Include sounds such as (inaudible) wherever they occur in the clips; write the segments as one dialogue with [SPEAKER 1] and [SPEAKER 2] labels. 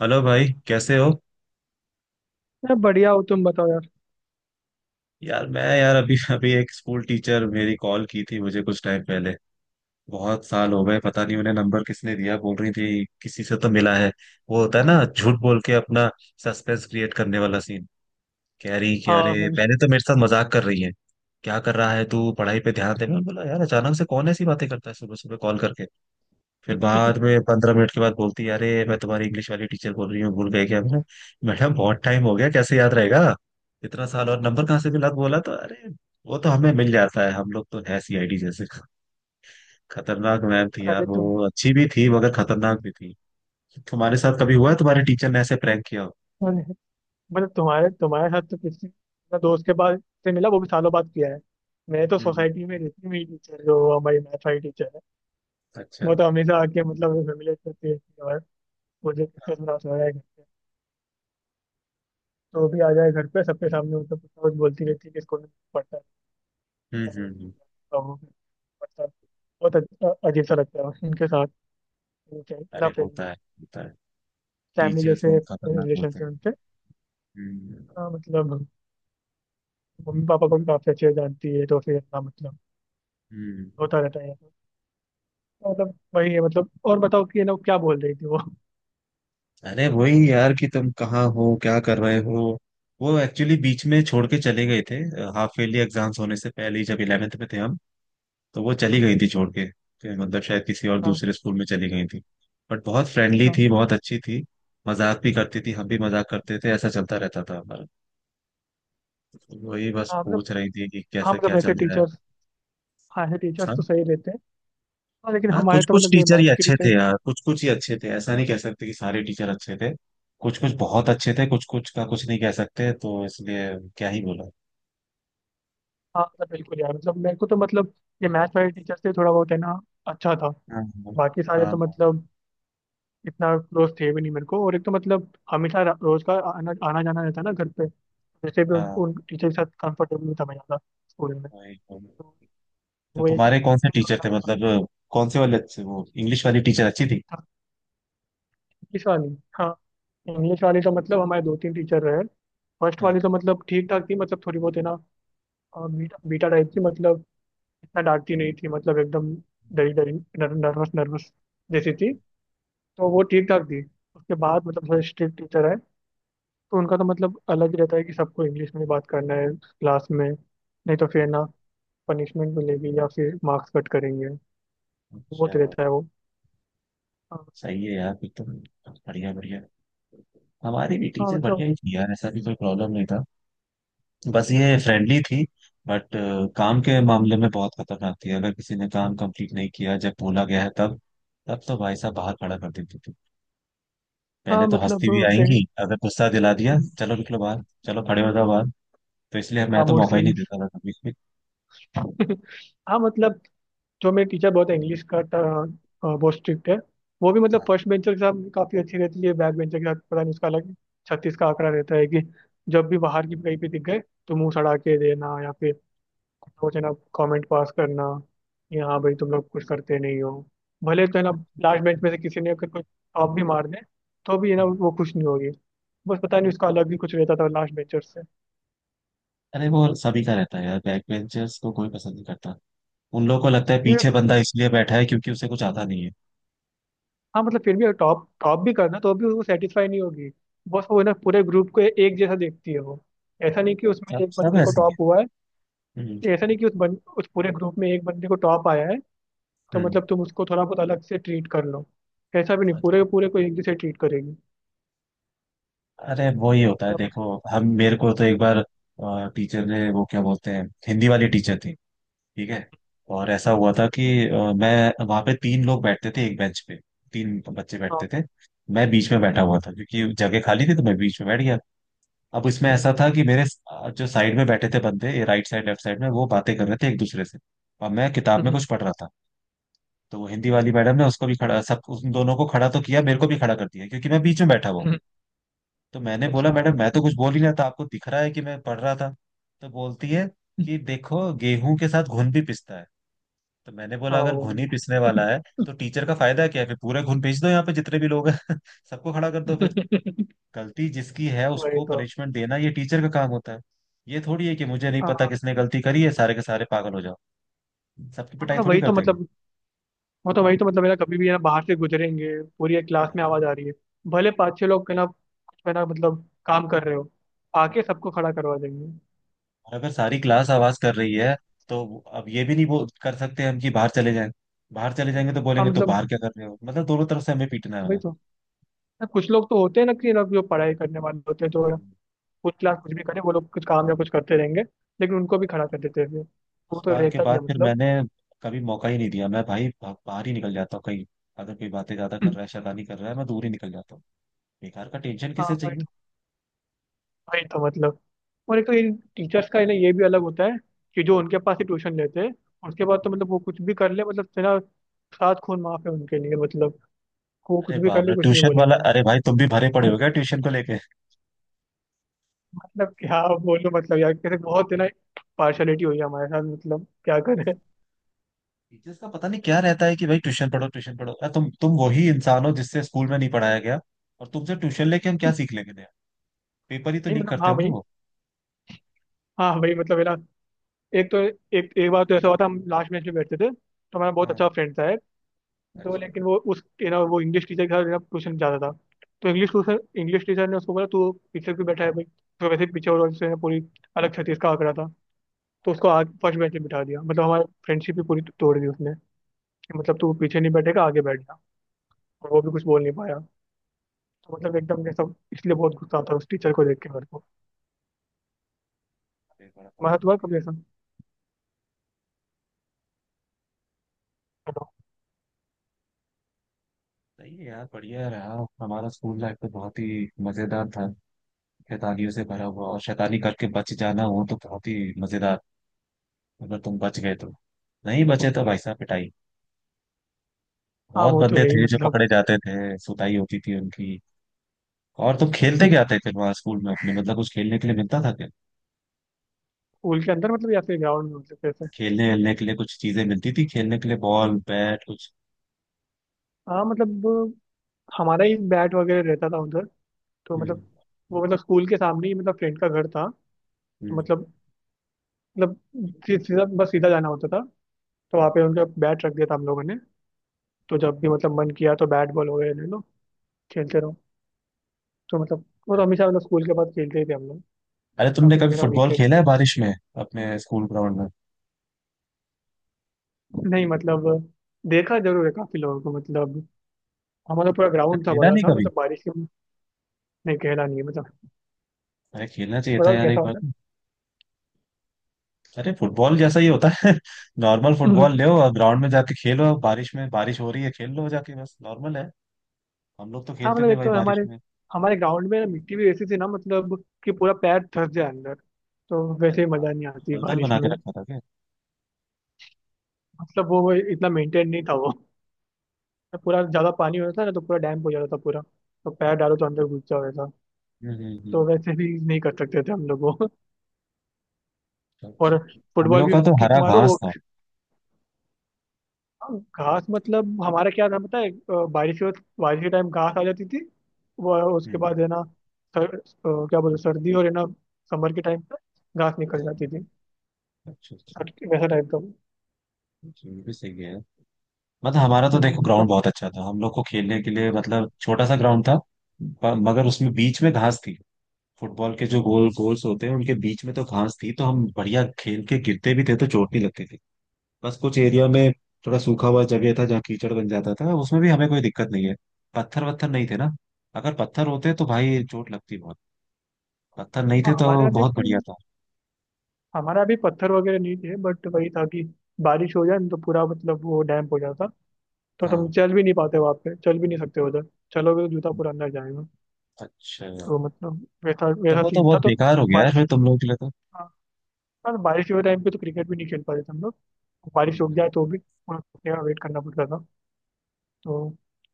[SPEAKER 1] Hello भाई, कैसे हो?
[SPEAKER 2] मैं बढ़िया हो तुम बताओ यार।
[SPEAKER 1] यार, मैं यार अभी अभी एक स्कूल टीचर मेरी कॉल की थी मुझे कुछ टाइम पहले। बहुत साल हो गए, पता
[SPEAKER 2] अच्छा
[SPEAKER 1] नहीं
[SPEAKER 2] हो।
[SPEAKER 1] उन्हें नंबर किसने दिया। बोल रही थी किसी से तो मिला है। वो होता है ना, झूठ बोल के अपना सस्पेंस क्रिएट करने वाला सीन। कह रही कि
[SPEAKER 2] हाँ
[SPEAKER 1] अरे
[SPEAKER 2] हाँ।
[SPEAKER 1] पहले तो मेरे साथ मजाक कर रही है। क्या कर रहा है तू, पढ़ाई पे ध्यान दे। मैं बोला यार, अचानक से कौन ऐसी बातें करता है सुबह सुबह कॉल करके। फिर बाद में 15 मिनट के बाद बोलती है, अरे मैं तुम्हारी इंग्लिश वाली टीचर बोल रही हूँ, भूल गए क्या? मैं, मैडम बहुत टाइम हो गया, कैसे याद रहेगा इतना साल, और नंबर कहाँ से मिला? तो बोला तो, अरे वो तो हमें मिल जाता है, हम लोग तो है सीआईडी जैसे। खतरनाक मैम थी यार
[SPEAKER 2] अरे
[SPEAKER 1] वो।
[SPEAKER 2] तुम।
[SPEAKER 1] अच्छी भी थी, मगर खतरनाक भी थी। तुम्हारे साथ कभी हुआ है तुम्हारे टीचर ने ऐसे प्रैंक किया हो?
[SPEAKER 2] मतलब तुम्हारे तुम्हारे साथ तो किसी मैं दोस्त के पास से मिला वो भी सालों बाद किया है। मेरे तो
[SPEAKER 1] हम्म हम्म,
[SPEAKER 2] सोसाइटी में रहती मेरी टीचर जो हमारी मैथ वाली टीचर है।
[SPEAKER 1] अच्छा।
[SPEAKER 2] वो तो हमेशा आके मतलब फैमिली करती रहती है और मुझे कितने थोड़ा सा है घर पे तो भी आ जाए घर पे सबके सामने मतलब कुछ ना कुछ बोलती रहती है कि स्कूल में पढ़ता है,
[SPEAKER 1] हम्म हम्म हम्म।
[SPEAKER 2] पढ़ता है, पढ़ता है, वो पढ़ता है। अजीब सा लगता है उनके साथ ना,
[SPEAKER 1] अरे होता
[SPEAKER 2] फ्रेंडली
[SPEAKER 1] है होता है।
[SPEAKER 2] फैमिली
[SPEAKER 1] टीचर्स
[SPEAKER 2] जैसे
[SPEAKER 1] बहुत खतरनाक
[SPEAKER 2] रिलेशन
[SPEAKER 1] होते
[SPEAKER 2] से
[SPEAKER 1] हैं।
[SPEAKER 2] उनसे।
[SPEAKER 1] हम्म
[SPEAKER 2] हाँ, मतलब मम्मी पापा को भी काफी अच्छे से जानती है तो फिर अपना मतलब
[SPEAKER 1] हम्म।
[SPEAKER 2] होता रहता है ये सब। तो मतलब वही है मतलब। और बताओ कि ये लोग क्या बोल रही थी वो।
[SPEAKER 1] अरे वही यार कि तुम कहाँ हो, क्या कर रहे हो। वो एक्चुअली बीच में छोड़ के चले गए थे। हाफ ईयरली एग्जाम्स होने से पहले ही, जब इलेवेंथ में थे हम, तो वो चली गई थी छोड़ के। फिर मतलब शायद किसी और
[SPEAKER 2] हाँ।
[SPEAKER 1] दूसरे स्कूल में चली गई थी। बट बहुत फ्रेंडली
[SPEAKER 2] अच्छा।
[SPEAKER 1] थी, बहुत अच्छी थी। मजाक भी करती थी, हम भी मजाक करते थे, ऐसा चलता रहता था हमारा। वही बस
[SPEAKER 2] हाँ मतलब
[SPEAKER 1] पूछ रही थी कि
[SPEAKER 2] हाँ
[SPEAKER 1] कैसा क्या
[SPEAKER 2] मतलब ऐसे
[SPEAKER 1] चल रहा है।
[SPEAKER 2] टीचर्स, हाँ ऐसे टीचर्स तो
[SPEAKER 1] हाँ?
[SPEAKER 2] सही रहते हैं। हाँ लेकिन
[SPEAKER 1] हाँ,
[SPEAKER 2] हमारे
[SPEAKER 1] कुछ
[SPEAKER 2] तो
[SPEAKER 1] कुछ
[SPEAKER 2] मतलब जो
[SPEAKER 1] टीचर ही
[SPEAKER 2] मैथ के
[SPEAKER 1] अच्छे थे
[SPEAKER 2] टीचर,
[SPEAKER 1] यार, कुछ कुछ ही अच्छे थे। ऐसा नहीं कह सकते कि सारे टीचर अच्छे थे। कुछ कुछ बहुत अच्छे थे, कुछ कुछ का कुछ नहीं कह सकते, तो इसलिए क्या ही बोला।
[SPEAKER 2] हाँ मतलब बिल्कुल यार मतलब मेरे को तो मतलब ये मैथ वाले टीचर से थोड़ा बहुत है ना अच्छा था।
[SPEAKER 1] हाँ
[SPEAKER 2] बाकी सारे तो
[SPEAKER 1] हाँ
[SPEAKER 2] मतलब इतना क्लोज थे भी नहीं मेरे को, और एक तो मतलब हमेशा रोज का आना आना जाना रहता ना घर पे। वैसे भी उन,
[SPEAKER 1] हाँ,
[SPEAKER 2] उन टीचर के साथ कंफर्टेबल नहीं था मैं ज़्यादा स्कूल में।
[SPEAKER 1] वही तो।
[SPEAKER 2] तो
[SPEAKER 1] तो
[SPEAKER 2] वो एक
[SPEAKER 1] तुम्हारे कौन
[SPEAKER 2] टीचर
[SPEAKER 1] से
[SPEAKER 2] थे तो
[SPEAKER 1] टीचर थे,
[SPEAKER 2] मतलब
[SPEAKER 1] मतलब कौन से वाले अच्छे? वो इंग्लिश वाली टीचर अच्छी थी?
[SPEAKER 2] इंग्लिश वाली, हाँ इंग्लिश वाली तो मतलब हमारे दो तीन टीचर रहे। फर्स्ट वाली
[SPEAKER 1] हाँ।
[SPEAKER 2] तो मतलब ठीक ठाक थी मतलब थोड़ी बहुत है ना, बीटा बीटा टाइप थी मतलब इतना डांटती नहीं थी मतलब एकदम डरी डरी, नर्वस नर्वस जैसी थी। तो वो ठीक ठाक थी। उसके बाद मतलब थोड़े स्ट्रिक्ट टीचर है तो उनका तो मतलब अलग ही रहता है कि सबको इंग्लिश में ही बात करना है क्लास में, नहीं तो फिर ना पनिशमेंट मिलेगी या फिर मार्क्स कट करेंगे।
[SPEAKER 1] अच्छा,
[SPEAKER 2] बहुत रहता है वो। हाँ।
[SPEAKER 1] सही है यार फिर तो। बढ़िया बढ़िया। हमारी भी
[SPEAKER 2] हाँ,
[SPEAKER 1] टीचर बढ़िया
[SPEAKER 2] मतलब
[SPEAKER 1] ही थी यार, ऐसा भी कोई प्रॉब्लम नहीं था। बस ये फ्रेंडली थी, बट काम के मामले में बहुत खतरनाक थी। अगर किसी ने काम कंप्लीट नहीं किया जब बोला गया है तब तब तो भाई साहब बाहर खड़ा कर देती थी। पहले
[SPEAKER 2] हाँ
[SPEAKER 1] तो हंसती
[SPEAKER 2] मतलब
[SPEAKER 1] भी
[SPEAKER 2] फ्रेंड,
[SPEAKER 1] आएंगी, अगर गुस्सा दिला दिया चलो निकलो बाहर, चलो खड़े हो जाओ बाहर। तो इसलिए मैं
[SPEAKER 2] हाँ
[SPEAKER 1] तो
[SPEAKER 2] मूड
[SPEAKER 1] मौका ही नहीं
[SPEAKER 2] स्विंग्स।
[SPEAKER 1] देता था कभी भी।
[SPEAKER 2] (laughs) हाँ मतलब जो मेरी टीचर बहुत इंग्लिश का बहुत स्ट्रिक्ट है। वो भी मतलब
[SPEAKER 1] हाँ।
[SPEAKER 2] फर्स्ट बेंचर के साथ काफ़ी अच्छी रहती है, बैक बेंचर के साथ पता नहीं उसका अलग छत्तीस का आंकड़ा रहता है कि जब भी बाहर की कहीं पे दिख गए तो मुंह सड़ा के देना या फिर कुछ है ना कॉमेंट पास करना कि हाँ भाई तुम लोग कुछ करते नहीं हो भले, तो है ना लास्ट बेंच में से किसी ने अगर कुछ टॉप भी मार दे तो भी है ना
[SPEAKER 1] हम्म।
[SPEAKER 2] वो खुश नहीं होगी। बस पता नहीं उसका अलग ही कुछ रहता था लास्ट बेंचर
[SPEAKER 1] अरे वो सभी का रहता है यार, बैक बेंचर्स को कोई पसंद नहीं करता। उन लोगों को लगता है
[SPEAKER 2] से।
[SPEAKER 1] पीछे बंदा इसलिए बैठा है क्योंकि उसे कुछ आता नहीं है।
[SPEAKER 2] हाँ मतलब फिर भी अगर टॉप टॉप भी करना तो भी वो सेटिस्फाई नहीं होगी। बस वो है ना पूरे ग्रुप को एक जैसा देखती है वो, ऐसा नहीं कि उसमें
[SPEAKER 1] सब
[SPEAKER 2] एक
[SPEAKER 1] सब
[SPEAKER 2] बंदे को
[SPEAKER 1] ऐसे ही है।
[SPEAKER 2] टॉप हुआ है। ऐसा
[SPEAKER 1] हम्म
[SPEAKER 2] नहीं कि उस पूरे ग्रुप में एक बंदे को टॉप आया है तो मतलब तुम उसको थोड़ा बहुत अलग से ट्रीट कर लो, ऐसा भी नहीं
[SPEAKER 1] हम्म।
[SPEAKER 2] पूरे पूरे को एक जैसे ट्रीट करेगी।
[SPEAKER 1] अरे वो ही
[SPEAKER 2] तो
[SPEAKER 1] होता है,
[SPEAKER 2] मतलब
[SPEAKER 1] देखो हम मेरे को तो एक बार टीचर ने, वो क्या बोलते हैं, हिंदी वाली टीचर थी, ठीक है, और ऐसा हुआ था कि मैं वहां पे तीन लोग बैठते थे एक बेंच पे, तीन बच्चे
[SPEAKER 2] हाँ।
[SPEAKER 1] बैठते थे। मैं बीच में
[SPEAKER 2] हम्म,
[SPEAKER 1] बैठा हुआ था क्योंकि जगह खाली थी तो मैं बीच में बैठ गया। अब इसमें
[SPEAKER 2] हम्म,
[SPEAKER 1] ऐसा था कि मेरे, जो साइड में बैठे थे बंदे, राइट साइड लेफ्ट साइड में, वो बातें कर रहे थे एक दूसरे से और मैं किताब में
[SPEAKER 2] हम्म,
[SPEAKER 1] कुछ पढ़ रहा था। तो वो हिंदी वाली मैडम ने उसको भी खड़ा, सब उन दोनों को खड़ा तो किया, मेरे को भी खड़ा कर दिया क्योंकि मैं बीच में बैठा हुआ हूँ।
[SPEAKER 2] हम्म,
[SPEAKER 1] तो मैंने बोला
[SPEAKER 2] अच्छा
[SPEAKER 1] मैडम मैं तो कुछ बोल ही रहा था, आपको दिख रहा है कि मैं पढ़ रहा था। तो बोलती है कि देखो गेहूं के साथ घुन भी पिसता है। तो मैंने
[SPEAKER 2] हाँ
[SPEAKER 1] बोला अगर
[SPEAKER 2] वो
[SPEAKER 1] घुन ही
[SPEAKER 2] भी है।
[SPEAKER 1] पिसने वाला है तो टीचर का फायदा क्या है? फिर पूरे घुन पीस दो, यहाँ पे जितने भी लोग हैं (laughs) सबको खड़ा कर दो फिर।
[SPEAKER 2] (laughs)
[SPEAKER 1] गलती जिसकी है
[SPEAKER 2] वही
[SPEAKER 1] उसको
[SPEAKER 2] तो।
[SPEAKER 1] पनिशमेंट देना ये टीचर का काम होता है। ये थोड़ी है कि मुझे नहीं
[SPEAKER 2] हाँ
[SPEAKER 1] पता
[SPEAKER 2] हाँ,
[SPEAKER 1] किसने गलती करी है, सारे के सारे पागल हो जाओ, सबकी पिटाई
[SPEAKER 2] मतलब
[SPEAKER 1] थोड़ी
[SPEAKER 2] वही
[SPEAKER 1] कर
[SPEAKER 2] तो
[SPEAKER 1] देंगे।
[SPEAKER 2] मतलब वो तो वही तो मतलब है ना कभी भी है ना बाहर से गुजरेंगे पूरी एक क्लास में
[SPEAKER 1] हाँ।
[SPEAKER 2] आवाज आ रही है, भले पाँच छह लोग है ना कुछ है ना मतलब काम कर रहे हो, आके सबको खड़ा करवा देंगे।
[SPEAKER 1] और अगर सारी क्लास आवाज कर रही है तो अब ये भी नहीं वो कर सकते हम कि बाहर चले जाएं। बाहर चले जाएंगे तो
[SPEAKER 2] हाँ
[SPEAKER 1] बोलेंगे तो
[SPEAKER 2] मतलब
[SPEAKER 1] बाहर क्या कर रहे हो, मतलब दोनों तरफ से हमें पीटना
[SPEAKER 2] वही
[SPEAKER 1] होगा।
[SPEAKER 2] तो, ना कुछ लोग तो होते हैं ना कि ना जो पढ़ाई करने वाले होते हैं तो
[SPEAKER 1] हम्म।
[SPEAKER 2] कुछ क्लास कुछ भी करें वो लोग कुछ काम या कुछ करते रहेंगे, लेकिन उनको भी खड़ा कर देते हैं फिर। वो
[SPEAKER 1] उस
[SPEAKER 2] तो
[SPEAKER 1] बार के
[SPEAKER 2] रहता ही
[SPEAKER 1] बाद
[SPEAKER 2] है
[SPEAKER 1] फिर
[SPEAKER 2] मतलब।
[SPEAKER 1] मैंने कभी मौका ही नहीं दिया। मैं भाई बाहर ही निकल जाता हूँ कहीं, अगर कोई बातें ज्यादा कर
[SPEAKER 2] हम्म,
[SPEAKER 1] रहा है शैतानी कर रहा है मैं दूर ही निकल जाता हूँ। बेकार का टेंशन
[SPEAKER 2] हाँ
[SPEAKER 1] किसे
[SPEAKER 2] वही
[SPEAKER 1] चाहिए।
[SPEAKER 2] तो, वही तो मतलब और एक तो इन टीचर्स का है ना ये भी अलग होता है कि जो उनके पास ही ट्यूशन लेते हैं उसके बाद तो मतलब वो कुछ भी कर ले मतलब है ना सात खून माफ है उनके लिए मतलब को
[SPEAKER 1] अरे
[SPEAKER 2] कुछ भी कर
[SPEAKER 1] बाप
[SPEAKER 2] ले
[SPEAKER 1] रे,
[SPEAKER 2] कुछ नहीं
[SPEAKER 1] ट्यूशन वाला!
[SPEAKER 2] बोलेंगे।
[SPEAKER 1] अरे भाई, तुम भी भरे पड़े हो क्या ट्यूशन को लेके?
[SPEAKER 2] मतलब क्या बोलूं मतलब यार कैसे बहुत है ना पार्शलिटी हुई है हमारे साथ मतलब क्या करें। (laughs)
[SPEAKER 1] टीचर्स का पता नहीं क्या रहता है कि भाई ट्यूशन पढ़ो ट्यूशन पढ़ो। अरे तुम वही इंसान हो जिससे स्कूल में नहीं पढ़ाया गया, और तुमसे ट्यूशन लेके हम क्या सीख लेंगे? पेपर ही तो
[SPEAKER 2] नहीं
[SPEAKER 1] लीक
[SPEAKER 2] मतलब
[SPEAKER 1] करते
[SPEAKER 2] हाँ
[SPEAKER 1] होंगे
[SPEAKER 2] भाई,
[SPEAKER 1] वो।
[SPEAKER 2] हाँ भाई मतलब है ना एक तो एक एक बार तो ऐसा हुआ था हम लास्ट बेंच में बैठते थे तो हमारा बहुत
[SPEAKER 1] हाँ।
[SPEAKER 2] अच्छा फ्रेंड था एक। तो
[SPEAKER 1] अच्छा।
[SPEAKER 2] लेकिन वो उस है ना वो इंग्लिश टीचर के साथ है ना ट्यूशन जाता था तो इंग्लिश ट्यूशन इंग्लिश टीचर ने उसको बोला तू पीछे क्यों बैठा है भाई। तो वैसे ही पीछे और उससे है ना पूरी अलग छत्तीस का आंकड़ा था। तो
[SPEAKER 1] हाँ,
[SPEAKER 2] उसको आगे फर्स्ट बेंच में बिठा दिया मतलब हमारी फ्रेंडशिप भी पूरी तोड़ दी उसने कि मतलब तू पीछे नहीं बैठेगा आगे बैठ जा, और वो भी कुछ बोल नहीं पाया। तो मतलब एकदम ये सब इसलिए बहुत गुस्सा आता है उस टीचर को देख के मेरे को।
[SPEAKER 1] अरे बड़ा पता
[SPEAKER 2] तुम्हारा
[SPEAKER 1] लग
[SPEAKER 2] हुआ कभी
[SPEAKER 1] गया।
[SPEAKER 2] ऐसा? हेलो?
[SPEAKER 1] सही है यार, बढ़िया रहा। हमारा स्कूल लाइफ तो बहुत ही मजेदार था। शैतानियों से भरा हुआ, और शैतानी करके बच जाना हो तो बहुत ही मजेदार, अगर तुम बच गए तो। नहीं बचे तो भाई साहब पिटाई।
[SPEAKER 2] हाँ
[SPEAKER 1] बहुत
[SPEAKER 2] वो तो
[SPEAKER 1] बंदे
[SPEAKER 2] है ही
[SPEAKER 1] थे जो
[SPEAKER 2] मतलब।
[SPEAKER 1] पकड़े जाते थे, सुताई होती थी उनकी। और तुम खेलते क्या थे फिर वहां स्कूल में अपने, मतलब कुछ खेलने के लिए मिलता था क्या?
[SPEAKER 2] स्कूल के अंदर मतलब या फिर ग्राउंड में मतलब कैसे?
[SPEAKER 1] खेलने खेलने के लिए कुछ चीजें मिलती थी खेलने के लिए, बॉल बैट कुछ?
[SPEAKER 2] हाँ मतलब हमारा ही बैट वगैरह रहता था उधर। तो
[SPEAKER 1] हम्म
[SPEAKER 2] मतलब वो मतलब स्कूल के सामने ही मतलब फ्रेंड का घर था
[SPEAKER 1] हम्म
[SPEAKER 2] तो
[SPEAKER 1] हम्म,
[SPEAKER 2] मतलब मतलब सीधा बस सीधा जाना होता था। तो वहाँ
[SPEAKER 1] हम्म,
[SPEAKER 2] पे उनका बैट रख दिया था हम लोगों ने तो जब भी मतलब मन किया तो बैट बॉल वगैरह ले लो खेलते
[SPEAKER 1] हम्म।
[SPEAKER 2] रहो। तो मतलब वो तो हमेशा मतलब स्कूल के बाद खेलते ही थे हम लोग,
[SPEAKER 1] अरे
[SPEAKER 2] या
[SPEAKER 1] तुमने
[SPEAKER 2] फिर
[SPEAKER 1] कभी
[SPEAKER 2] मेरा
[SPEAKER 1] फुटबॉल
[SPEAKER 2] वीकेंड्स।
[SPEAKER 1] खेला है बारिश में, अपने स्कूल ग्राउंड में?
[SPEAKER 2] नहीं मतलब देखा जरूर है काफी लोगों को मतलब हमारा पूरा
[SPEAKER 1] अरे
[SPEAKER 2] ग्राउंड था
[SPEAKER 1] खेला
[SPEAKER 2] बड़ा
[SPEAKER 1] नहीं
[SPEAKER 2] सा
[SPEAKER 1] कभी?
[SPEAKER 2] मतलब बारिश के। नहीं कहला नहीं है मतलब।
[SPEAKER 1] अरे खेलना चाहिए था
[SPEAKER 2] बताओ
[SPEAKER 1] यार
[SPEAKER 2] कैसा
[SPEAKER 1] एक बार।
[SPEAKER 2] होता है?
[SPEAKER 1] अरे फुटबॉल जैसा ही होता है (laughs) नॉर्मल
[SPEAKER 2] हम्म,
[SPEAKER 1] फुटबॉल ले और ग्राउंड में जाके खेलो बारिश में, बारिश हो रही है खेल लो जाके, बस नॉर्मल है। हम लोग तो
[SPEAKER 2] हाँ
[SPEAKER 1] खेलते
[SPEAKER 2] मतलब
[SPEAKER 1] थे
[SPEAKER 2] एक
[SPEAKER 1] भाई
[SPEAKER 2] तो
[SPEAKER 1] बारिश
[SPEAKER 2] हमारे
[SPEAKER 1] में।
[SPEAKER 2] हमारे ग्राउंड में ना मिट्टी भी ऐसी थी ना मतलब कि पूरा पैर धंस जाए अंदर, तो
[SPEAKER 1] अरे
[SPEAKER 2] वैसे ही
[SPEAKER 1] हाँ,
[SPEAKER 2] मजा नहीं आती
[SPEAKER 1] दलदल
[SPEAKER 2] बारिश
[SPEAKER 1] बना के
[SPEAKER 2] में।
[SPEAKER 1] रखा था क्या?
[SPEAKER 2] मतलब वो इतना मेंटेन नहीं था वो। पूरा ज्यादा पानी होता था ना तो पूरा डैम हो जाता था पूरा, तो पैर डालो तो अंदर घुस जाओ ऐसा।
[SPEAKER 1] हम्म हम्म,
[SPEAKER 2] तो
[SPEAKER 1] हम्म,
[SPEAKER 2] वैसे भी नहीं कर सकते थे हम लोग वो,
[SPEAKER 1] अच्छा।
[SPEAKER 2] और
[SPEAKER 1] हम
[SPEAKER 2] फुटबॉल
[SPEAKER 1] लोग
[SPEAKER 2] भी
[SPEAKER 1] का तो
[SPEAKER 2] किक
[SPEAKER 1] हरा
[SPEAKER 2] मारो
[SPEAKER 1] घास
[SPEAKER 2] वो।
[SPEAKER 1] था।
[SPEAKER 2] हाँ, घास मतलब हमारा क्या था पता है बारिश हो, बारिश के टाइम घास आ जाती थी, वो उसके
[SPEAKER 1] हम्म।
[SPEAKER 2] बाद है ना सर, अ, क्या बोलते हैं, सर्दी और है ना, समर के टाइम पे घास निकल जाती थी।
[SPEAKER 1] अच्छा अच्छा।
[SPEAKER 2] वैसा टाइप का वो।
[SPEAKER 1] अच्छा, ये भी सही है। मतलब हमारा तो देखो
[SPEAKER 2] तो
[SPEAKER 1] ग्राउंड बहुत अच्छा था हम लोग को खेलने के लिए, मतलब छोटा सा ग्राउंड था, मगर उसमें बीच में घास थी। फुटबॉल के जो गोल गोल्स होते हैं उनके बीच में तो घास थी, तो हम बढ़िया खेल के गिरते भी थे तो चोट नहीं लगती थी। बस कुछ एरिया में थोड़ा सूखा हुआ जगह था जहाँ कीचड़ बन जाता था, उसमें भी हमें कोई दिक्कत नहीं है। पत्थर वत्थर नहीं थे ना, अगर पत्थर होते तो भाई चोट लगती बहुत। पत्थर नहीं थे
[SPEAKER 2] हाँ, हमारे
[SPEAKER 1] तो
[SPEAKER 2] अभी भी-
[SPEAKER 1] बहुत बढ़िया
[SPEAKER 2] कोई-
[SPEAKER 1] था।
[SPEAKER 2] हमारा अभी पत्थर वगैरह नहीं थे, बट वही था कि बारिश हो जाए न तो पूरा मतलब वो डैम्प हो जाता। तो तुम
[SPEAKER 1] हाँ।
[SPEAKER 2] चल भी नहीं पाते वहाँ पे, चल भी नहीं सकते उधर, चलोगे तो जूता पूरा अंदर जाएगा।
[SPEAKER 1] अच्छा,
[SPEAKER 2] तो मतलब वैसा
[SPEAKER 1] तब
[SPEAKER 2] वैसा
[SPEAKER 1] वो तो
[SPEAKER 2] सीन था
[SPEAKER 1] बहुत
[SPEAKER 2] तो।
[SPEAKER 1] बेकार हो गया है
[SPEAKER 2] बारिश,
[SPEAKER 1] फिर तुम लोगों के लिए तो।
[SPEAKER 2] हाँ हाँ, तो बारिश के टाइम पे तो क्रिकेट भी नहीं खेल पाते थे हम लोग, बारिश रुक
[SPEAKER 1] हम्म,
[SPEAKER 2] जाए तो भी उन्हें रुकने का वेट करना पड़ता था। तो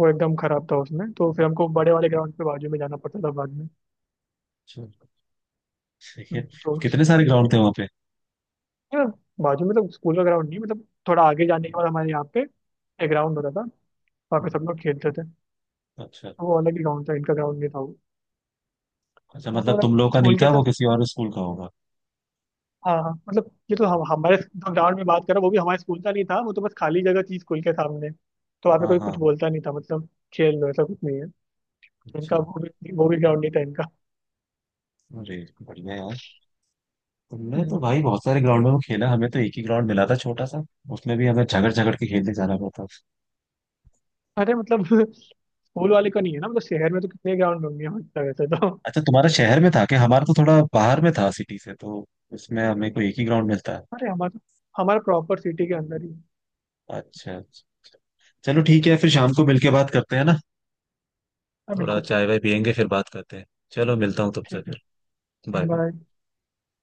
[SPEAKER 2] वो एकदम खराब था, उसमें तो फिर हमको बड़े वाले ग्राउंड पे बाजू में जाना पड़ता था बाद में।
[SPEAKER 1] अच्छा, ठीक है।
[SPEAKER 2] तो
[SPEAKER 1] कितने सारे ग्राउंड थे वहाँ पे?
[SPEAKER 2] या, बाजू में मतलब स्कूल का ग्राउंड नहीं मतलब थोड़ा आगे जाने के बाद हमारे यहाँ पे एक ग्राउंड होता था, वहाँ पे
[SPEAKER 1] हम्म,
[SPEAKER 2] सब लोग खेलते थे।
[SPEAKER 1] अच्छा
[SPEAKER 2] तो वो अलग ही ग्राउंड था, इनका ग्राउंड नहीं था वो।
[SPEAKER 1] अच्छा,
[SPEAKER 2] वो तो
[SPEAKER 1] मतलब
[SPEAKER 2] मतलब
[SPEAKER 1] तुम लोग का नहीं
[SPEAKER 2] स्कूल के
[SPEAKER 1] था वो,
[SPEAKER 2] साथ,
[SPEAKER 1] किसी और स्कूल का होगा।
[SPEAKER 2] हाँ हाँ मतलब ये तो हम हमारे जो ग्राउंड में बात कर रहा हूँ वो भी हमारे स्कूल का नहीं था, वो तो बस खाली जगह थी स्कूल के सामने, तो वहाँ पे
[SPEAKER 1] हाँ
[SPEAKER 2] कोई
[SPEAKER 1] हाँ।
[SPEAKER 2] कुछ बोलता नहीं था मतलब खेल लो, ऐसा कुछ नहीं है। इनका
[SPEAKER 1] अच्छा।
[SPEAKER 2] वो भी ग्राउंड नहीं था इनका।
[SPEAKER 1] अरे बढ़िया यार, हमने तो
[SPEAKER 2] हम्म।
[SPEAKER 1] भाई बहुत सारे ग्राउंडों में खेला, हमें तो एक ही ग्राउंड मिला था छोटा सा। उसमें भी हमें झगड़ झगड़ के खेलने जाना पड़ता था।
[SPEAKER 2] अरे मतलब। (laughs) स्कूल वाले का नहीं है ना मतलब शहर में तो कितने ग्राउंड होंगे मतलब वैसे तो,
[SPEAKER 1] अच्छा तुम्हारा शहर में था कि? हमारा तो थोड़ा बाहर में था सिटी से, तो उसमें हमें को एक ही ग्राउंड मिलता है।
[SPEAKER 2] अरे हमारा हमारा प्रॉपर सिटी के अंदर ही है।
[SPEAKER 1] अच्छा अच्छा। चलो ठीक है, फिर शाम को मिलके बात करते हैं ना।
[SPEAKER 2] हाँ
[SPEAKER 1] थोड़ा
[SPEAKER 2] बिल्कुल।
[SPEAKER 1] चाय वाय पियेंगे फिर बात करते हैं। चलो मिलता हूँ तुमसे
[SPEAKER 2] ठीक है।
[SPEAKER 1] फिर। बाय।
[SPEAKER 2] बाय।